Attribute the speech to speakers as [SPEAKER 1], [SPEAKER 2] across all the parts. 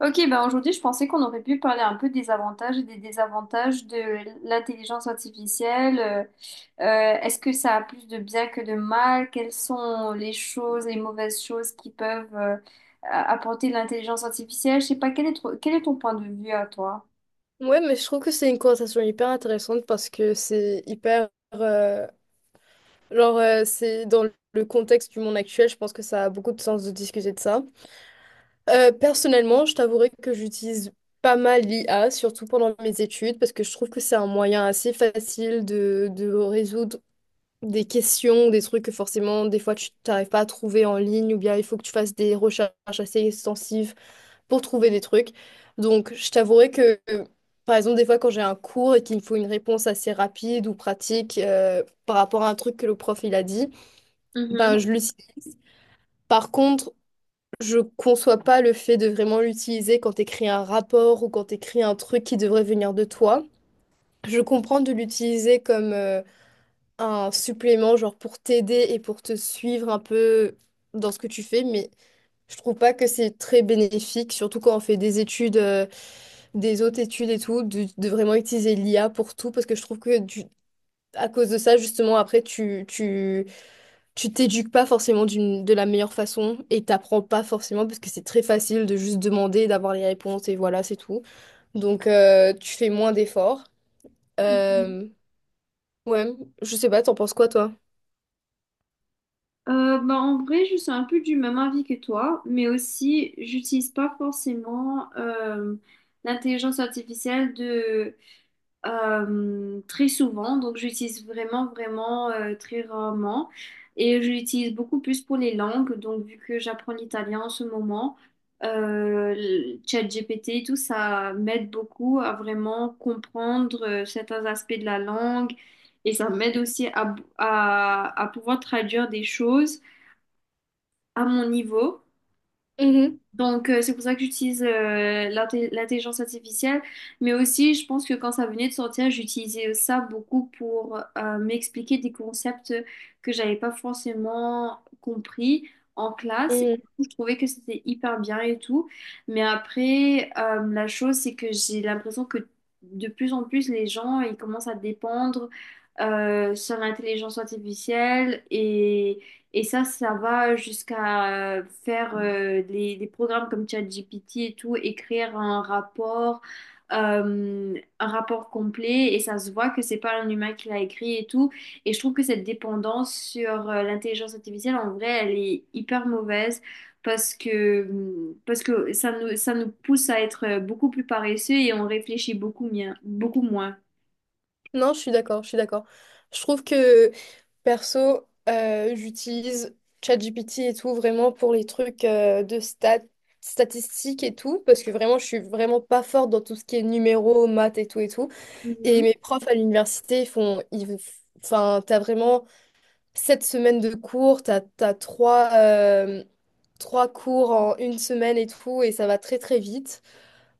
[SPEAKER 1] Ok, ben aujourd'hui, je pensais qu'on aurait pu parler un peu des avantages et des désavantages de l'intelligence artificielle. Est-ce que ça a plus de bien que de mal? Quelles sont les choses, les mauvaises choses qui peuvent apporter l'intelligence artificielle? Je sais pas, quel est ton point de vue à toi?
[SPEAKER 2] Ouais, mais je trouve que c'est une conversation hyper intéressante parce que c'est hyper... euh, genre, c'est dans le contexte du monde actuel, je pense que ça a beaucoup de sens de discuter de ça. Personnellement, je t'avouerai que j'utilise pas mal l'IA, surtout pendant mes études, parce que je trouve que c'est un moyen assez facile de résoudre des questions, des trucs que forcément, des fois, tu t'arrives pas à trouver en ligne, ou bien il faut que tu fasses des recherches assez extensives pour trouver des trucs. Donc, je t'avouerai que, par exemple, des fois, quand j'ai un cours et qu'il me faut une réponse assez rapide ou pratique par rapport à un truc que le prof il a dit,
[SPEAKER 1] Mhm,
[SPEAKER 2] ben, je l'utilise. Par contre, je conçois pas le fait de vraiment l'utiliser quand tu écris un rapport ou quand tu écris un truc qui devrait venir de toi. Je comprends de l'utiliser comme un supplément, genre pour t'aider et pour te suivre un peu dans ce que tu fais, mais je trouve pas que c'est très bénéfique, surtout quand on fait des études, des autres études et tout, de vraiment utiliser l'IA pour tout, parce que je trouve que à cause de ça, justement, après, tu t'éduques pas forcément de la meilleure façon et t'apprends pas forcément, parce que c'est très facile de juste demander, d'avoir les réponses et voilà, c'est tout. Donc, tu fais moins d'efforts.
[SPEAKER 1] mhm.
[SPEAKER 2] Euh, ouais, je sais pas, t'en penses quoi, toi?
[SPEAKER 1] Bah, en vrai, je suis un peu du même avis que toi, mais aussi, j'utilise pas forcément l'intelligence artificielle très souvent, donc j'utilise vraiment très rarement. Et je l'utilise beaucoup plus pour les langues, donc vu que j'apprends l'italien en ce moment, le ChatGPT, tout ça m'aide beaucoup à vraiment comprendre certains aspects de la langue et ça m'aide aussi à pouvoir traduire des choses à mon niveau.
[SPEAKER 2] Mhm.
[SPEAKER 1] Donc, c'est pour ça que j'utilise l'intelligence artificielle. Mais aussi, je pense que quand ça venait de sortir, j'utilisais ça beaucoup pour m'expliquer des concepts que j'avais pas forcément compris en classe.
[SPEAKER 2] Mhm.
[SPEAKER 1] Je trouvais que c'était hyper bien et tout. Mais après, la chose, c'est que j'ai l'impression que de plus en plus, les gens, ils commencent à dépendre sur l'intelligence artificielle, et ça va jusqu'à des programmes comme ChatGPT et tout, écrire euh, un rapport complet, et ça se voit que c'est pas un humain qui l'a écrit et tout. Et je trouve que cette dépendance sur l'intelligence artificielle, en vrai, elle est hyper mauvaise parce que, parce que ça nous pousse à être beaucoup plus paresseux et on réfléchit beaucoup moins.
[SPEAKER 2] Non, je suis d'accord, je suis d'accord. Je trouve que perso, j'utilise ChatGPT et tout vraiment pour les trucs de statistiques et tout, parce que vraiment, je suis vraiment pas forte dans tout ce qui est numéros, maths et tout et tout. Et
[SPEAKER 1] Mhm,
[SPEAKER 2] mes profs à l'université, enfin, t'as vraiment 7 semaines de cours, t'as trois cours en une semaine et tout, et ça va très très vite.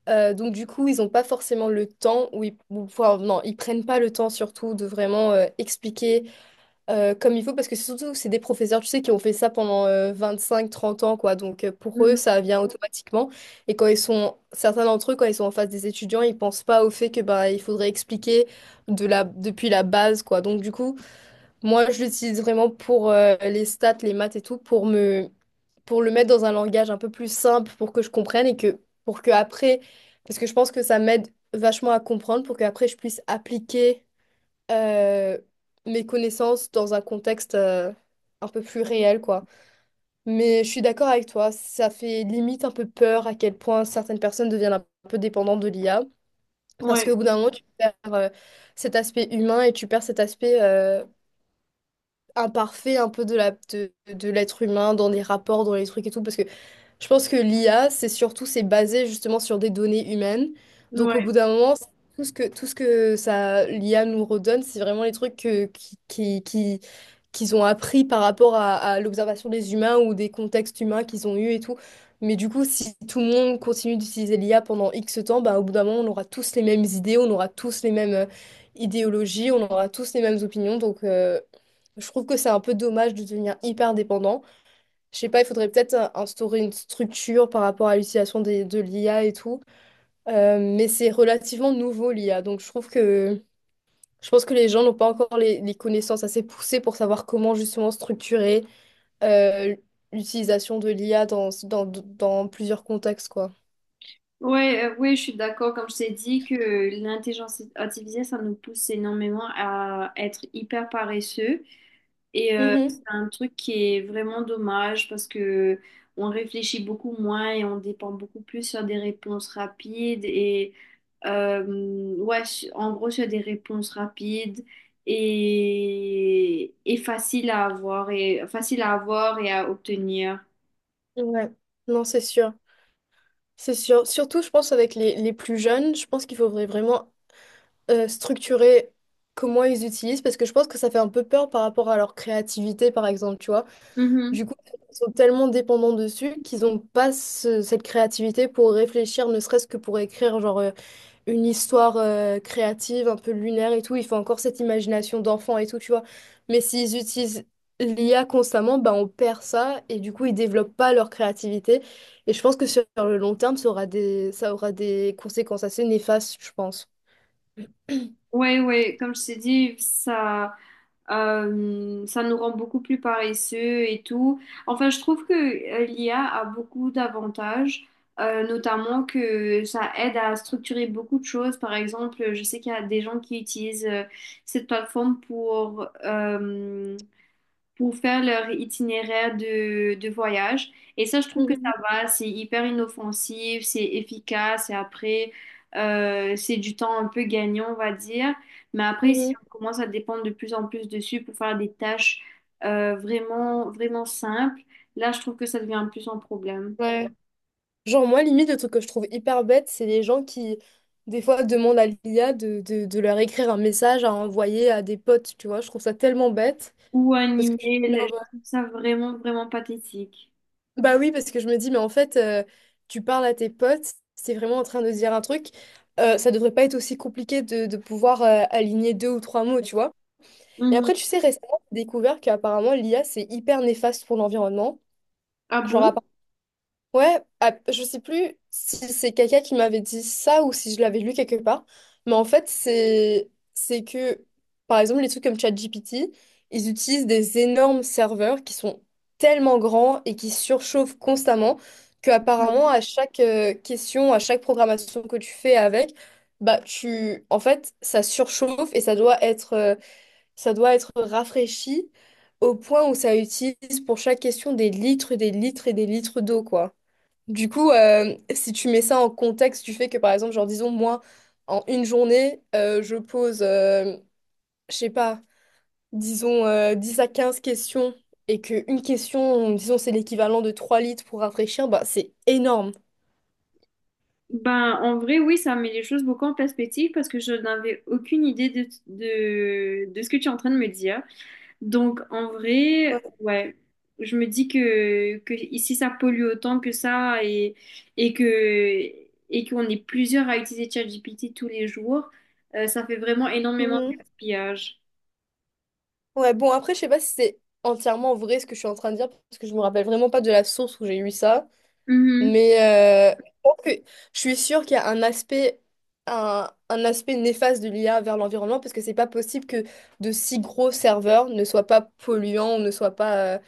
[SPEAKER 2] Donc du coup, ils n'ont pas forcément le temps, enfin, non, ils prennent pas le temps surtout de vraiment expliquer comme il faut, parce que c'est des professeurs, tu sais, qui ont fait ça pendant cinq 30 ans, quoi. Donc pour eux,
[SPEAKER 1] mhm.
[SPEAKER 2] ça vient automatiquement. Et certains d'entre eux, quand ils sont en face des étudiants, ils pensent pas au fait que bah, il faudrait expliquer depuis la base, quoi. Donc du coup, moi, je l'utilise vraiment pour les stats, les maths et tout, pour le mettre dans un langage un peu plus simple pour que je comprenne et que pour que après, parce que je pense que ça m'aide vachement à comprendre pour que après je puisse appliquer euh, mes connaissances dans un contexte un peu plus réel, quoi. Mais je suis d'accord avec toi, ça fait limite un peu peur à quel point certaines personnes deviennent un peu dépendantes de l'IA, parce qu'au
[SPEAKER 1] Ouais,
[SPEAKER 2] bout d'un moment, tu perds cet aspect humain et tu perds cet aspect imparfait un peu de l'être humain dans des rapports, dans les trucs et tout, parce que je pense que l'IA, c'est basé justement sur des données humaines. Donc au
[SPEAKER 1] ouais.
[SPEAKER 2] bout d'un moment, tout ce que ça, l'IA nous redonne, c'est vraiment les trucs que, qui- qu'ils ont appris par rapport à l'observation des humains ou des contextes humains qu'ils ont eus et tout. Mais du coup, si tout le monde continue d'utiliser l'IA pendant X temps, bah, au bout d'un moment, on aura tous les mêmes idées, on aura tous les mêmes idéologies, on aura tous les mêmes opinions. Donc, je trouve que c'est un peu dommage de devenir hyper dépendant. Je sais pas, il faudrait peut-être instaurer une structure par rapport à l'utilisation de l'IA et tout. Mais c'est relativement nouveau l'IA. Donc je pense que les gens n'ont pas encore les connaissances assez poussées pour savoir comment justement structurer euh, l'utilisation de l'IA dans plusieurs contextes, quoi.
[SPEAKER 1] Ouais, ouais, je suis d'accord. Comme je t'ai dit, que l'intelligence artificielle, ça nous pousse énormément à être hyper paresseux. Et c'est
[SPEAKER 2] Mhm.
[SPEAKER 1] un truc qui est vraiment dommage parce que on réfléchit beaucoup moins et on dépend beaucoup plus sur des réponses rapides et en gros sur des réponses rapides et faciles à avoir et à obtenir.
[SPEAKER 2] Ouais, non, c'est sûr. C'est sûr. Surtout, je pense, avec les plus jeunes, je pense qu'il faudrait vraiment structurer comment ils utilisent parce que je pense que ça fait un peu peur par rapport à leur créativité, par exemple, tu vois.
[SPEAKER 1] Mhm.
[SPEAKER 2] Du coup, ils sont tellement dépendants dessus qu'ils n'ont pas cette créativité pour réfléchir, ne serait-ce que pour écrire genre une histoire créative, un peu lunaire et tout. Il faut encore cette imagination d'enfant et tout, tu vois. Mais s'ils utilisent l'IA constamment, bah, on perd ça et du coup, ils développent pas leur créativité. Et je pense que sur le long terme, ça aura des conséquences assez néfastes, je pense. Mhm,
[SPEAKER 1] Ouais, ouais, comme je t'ai dit, ça. Ça nous rend beaucoup plus paresseux et tout. Enfin, je trouve que l'IA a beaucoup d'avantages, notamment que ça aide à structurer beaucoup de choses. Par exemple, je sais qu'il y a des gens qui utilisent cette plateforme pour faire leur itinéraire de voyage. Et ça, je trouve que ça va, c'est hyper inoffensif, c'est efficace, et après, c'est du temps un peu gagnant, on va dire. Mais après, si
[SPEAKER 2] mhm.
[SPEAKER 1] on commence à dépendre de plus en plus dessus pour faire des tâches vraiment simples, là, je trouve que ça devient plus un problème.
[SPEAKER 2] Ouais. Genre, moi, limite, le truc que je trouve hyper bête, c'est les gens qui, des fois, demandent à l'IA de leur écrire un message à envoyer à des potes, tu vois. Je trouve ça tellement bête.
[SPEAKER 1] Ou un
[SPEAKER 2] Parce que,
[SPEAKER 1] email, je
[SPEAKER 2] genre,
[SPEAKER 1] trouve ça vraiment pathétique.
[SPEAKER 2] bah oui, parce que je me dis, mais en fait, tu parles à tes potes, c'est vraiment en train de dire un truc. Ça devrait pas être aussi compliqué de pouvoir aligner deux ou trois mots, tu vois. Et
[SPEAKER 1] Mhm.
[SPEAKER 2] après, tu sais, récemment, j'ai découvert qu'apparemment, l'IA, c'est hyper néfaste pour l'environnement.
[SPEAKER 1] Ah
[SPEAKER 2] Genre,
[SPEAKER 1] bon?
[SPEAKER 2] ouais, ah, je sais plus si c'est quelqu'un qui m'avait dit ça ou si je l'avais lu quelque part, mais en fait, c'est que, par exemple, les trucs comme ChatGPT, ils utilisent des énormes serveurs qui sont tellement grands et qui surchauffent constamment que apparemment à chaque question, à chaque programmation que tu fais avec, bah en fait, ça surchauffe et ça doit être rafraîchi au point où ça utilise pour chaque question des litres et des litres d'eau, quoi. Du coup, si tu mets ça en contexte du fait que, par exemple, genre, disons, moi, en une journée, je pose, je sais pas, disons, 10 à 15 questions et qu'une question, disons, c'est l'équivalent de 3 litres pour rafraîchir, bah, c'est énorme.
[SPEAKER 1] Ben, en vrai, oui, ça met les choses beaucoup en perspective parce que je n'avais aucune idée de ce que tu es en train de me dire. Donc, en
[SPEAKER 2] Ouais.
[SPEAKER 1] vrai, ouais, je me dis que ici, ça pollue autant que ça et que, et qu'on est plusieurs à utiliser ChatGPT tous les jours, ça fait vraiment énormément de
[SPEAKER 2] Mhm.
[SPEAKER 1] gaspillage.
[SPEAKER 2] Ouais, bon, après, je sais pas si c'est entièrement vrai ce que je suis en train de dire parce que je me rappelle vraiment pas de la source où j'ai eu ça.
[SPEAKER 1] Mhm.
[SPEAKER 2] Mais je suis sûre qu'il y a un aspect néfaste de l'IA vers l'environnement parce que c'est pas possible que de si gros serveurs ne soient pas polluants ou ne soient pas,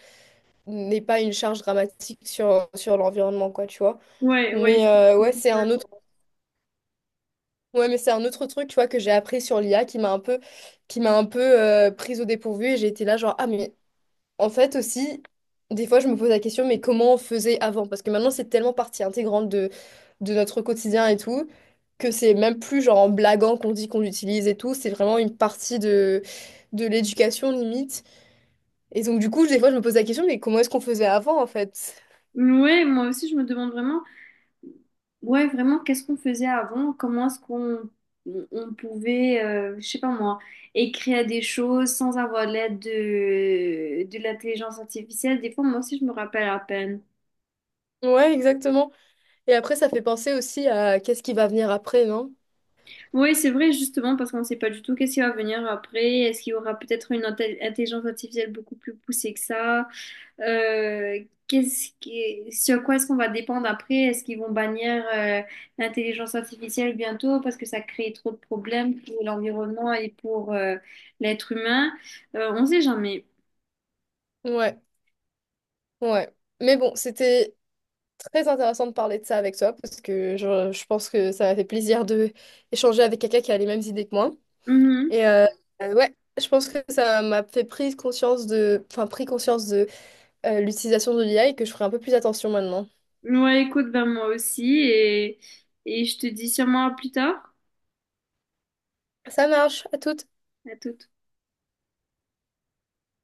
[SPEAKER 2] n'aient pas une charge dramatique sur l'environnement, quoi, tu vois.
[SPEAKER 1] Ouais, ouais,
[SPEAKER 2] Mais
[SPEAKER 1] je-
[SPEAKER 2] ouais, c'est un autre, ouais, mais c'est un autre truc, tu vois, que j'ai appris sur l'IA qui m'a un peu prise au dépourvu et j'ai été là, genre, ah, mais en fait aussi, des fois je me pose la question, mais comment on faisait avant? Parce que maintenant c'est tellement partie intégrante de notre quotidien et tout, que c'est même plus genre en blaguant qu'on dit qu'on l'utilise et tout, c'est vraiment une partie de l'éducation limite. Et donc du coup, des fois je me pose la question, mais comment est-ce qu'on faisait avant en fait?
[SPEAKER 1] ouais, moi aussi, je me demande vraiment. Ouais, vraiment, qu'est-ce qu'on faisait avant? Comment est-ce qu'on on pouvait, je sais pas moi, écrire des choses sans avoir l'aide de l'intelligence artificielle? Des fois, moi aussi, je me rappelle à peine.
[SPEAKER 2] Ouais, exactement. Et après ça fait penser aussi à qu'est-ce qui va venir après, non?
[SPEAKER 1] Oui, c'est vrai, justement, parce qu'on ne sait pas du tout qu'est-ce qui va venir après. Est-ce qu'il y aura peut-être une intelligence artificielle beaucoup plus poussée que ça? Euh, Qu'est-ce qui, sur quoi est-ce qu'on va dépendre après? Est-ce qu'ils vont bannir l'intelligence artificielle bientôt parce que ça crée trop de problèmes pour l'environnement et pour l'être humain? On sait jamais.
[SPEAKER 2] Ouais, ouais. Mais bon, c'était très intéressant de parler de ça avec toi parce que je pense que ça m'a fait plaisir de échanger avec quelqu'un qui a les mêmes idées que moi.
[SPEAKER 1] Mhm.
[SPEAKER 2] Et ouais, je pense que ça m'a fait prise conscience de, enfin, pris conscience de l'utilisation de l'IA et que je ferai un peu plus attention maintenant.
[SPEAKER 1] Ouais, écoute, ben moi aussi, et je te dis sûrement à plus tard.
[SPEAKER 2] Ça marche, à toutes.
[SPEAKER 1] À tout.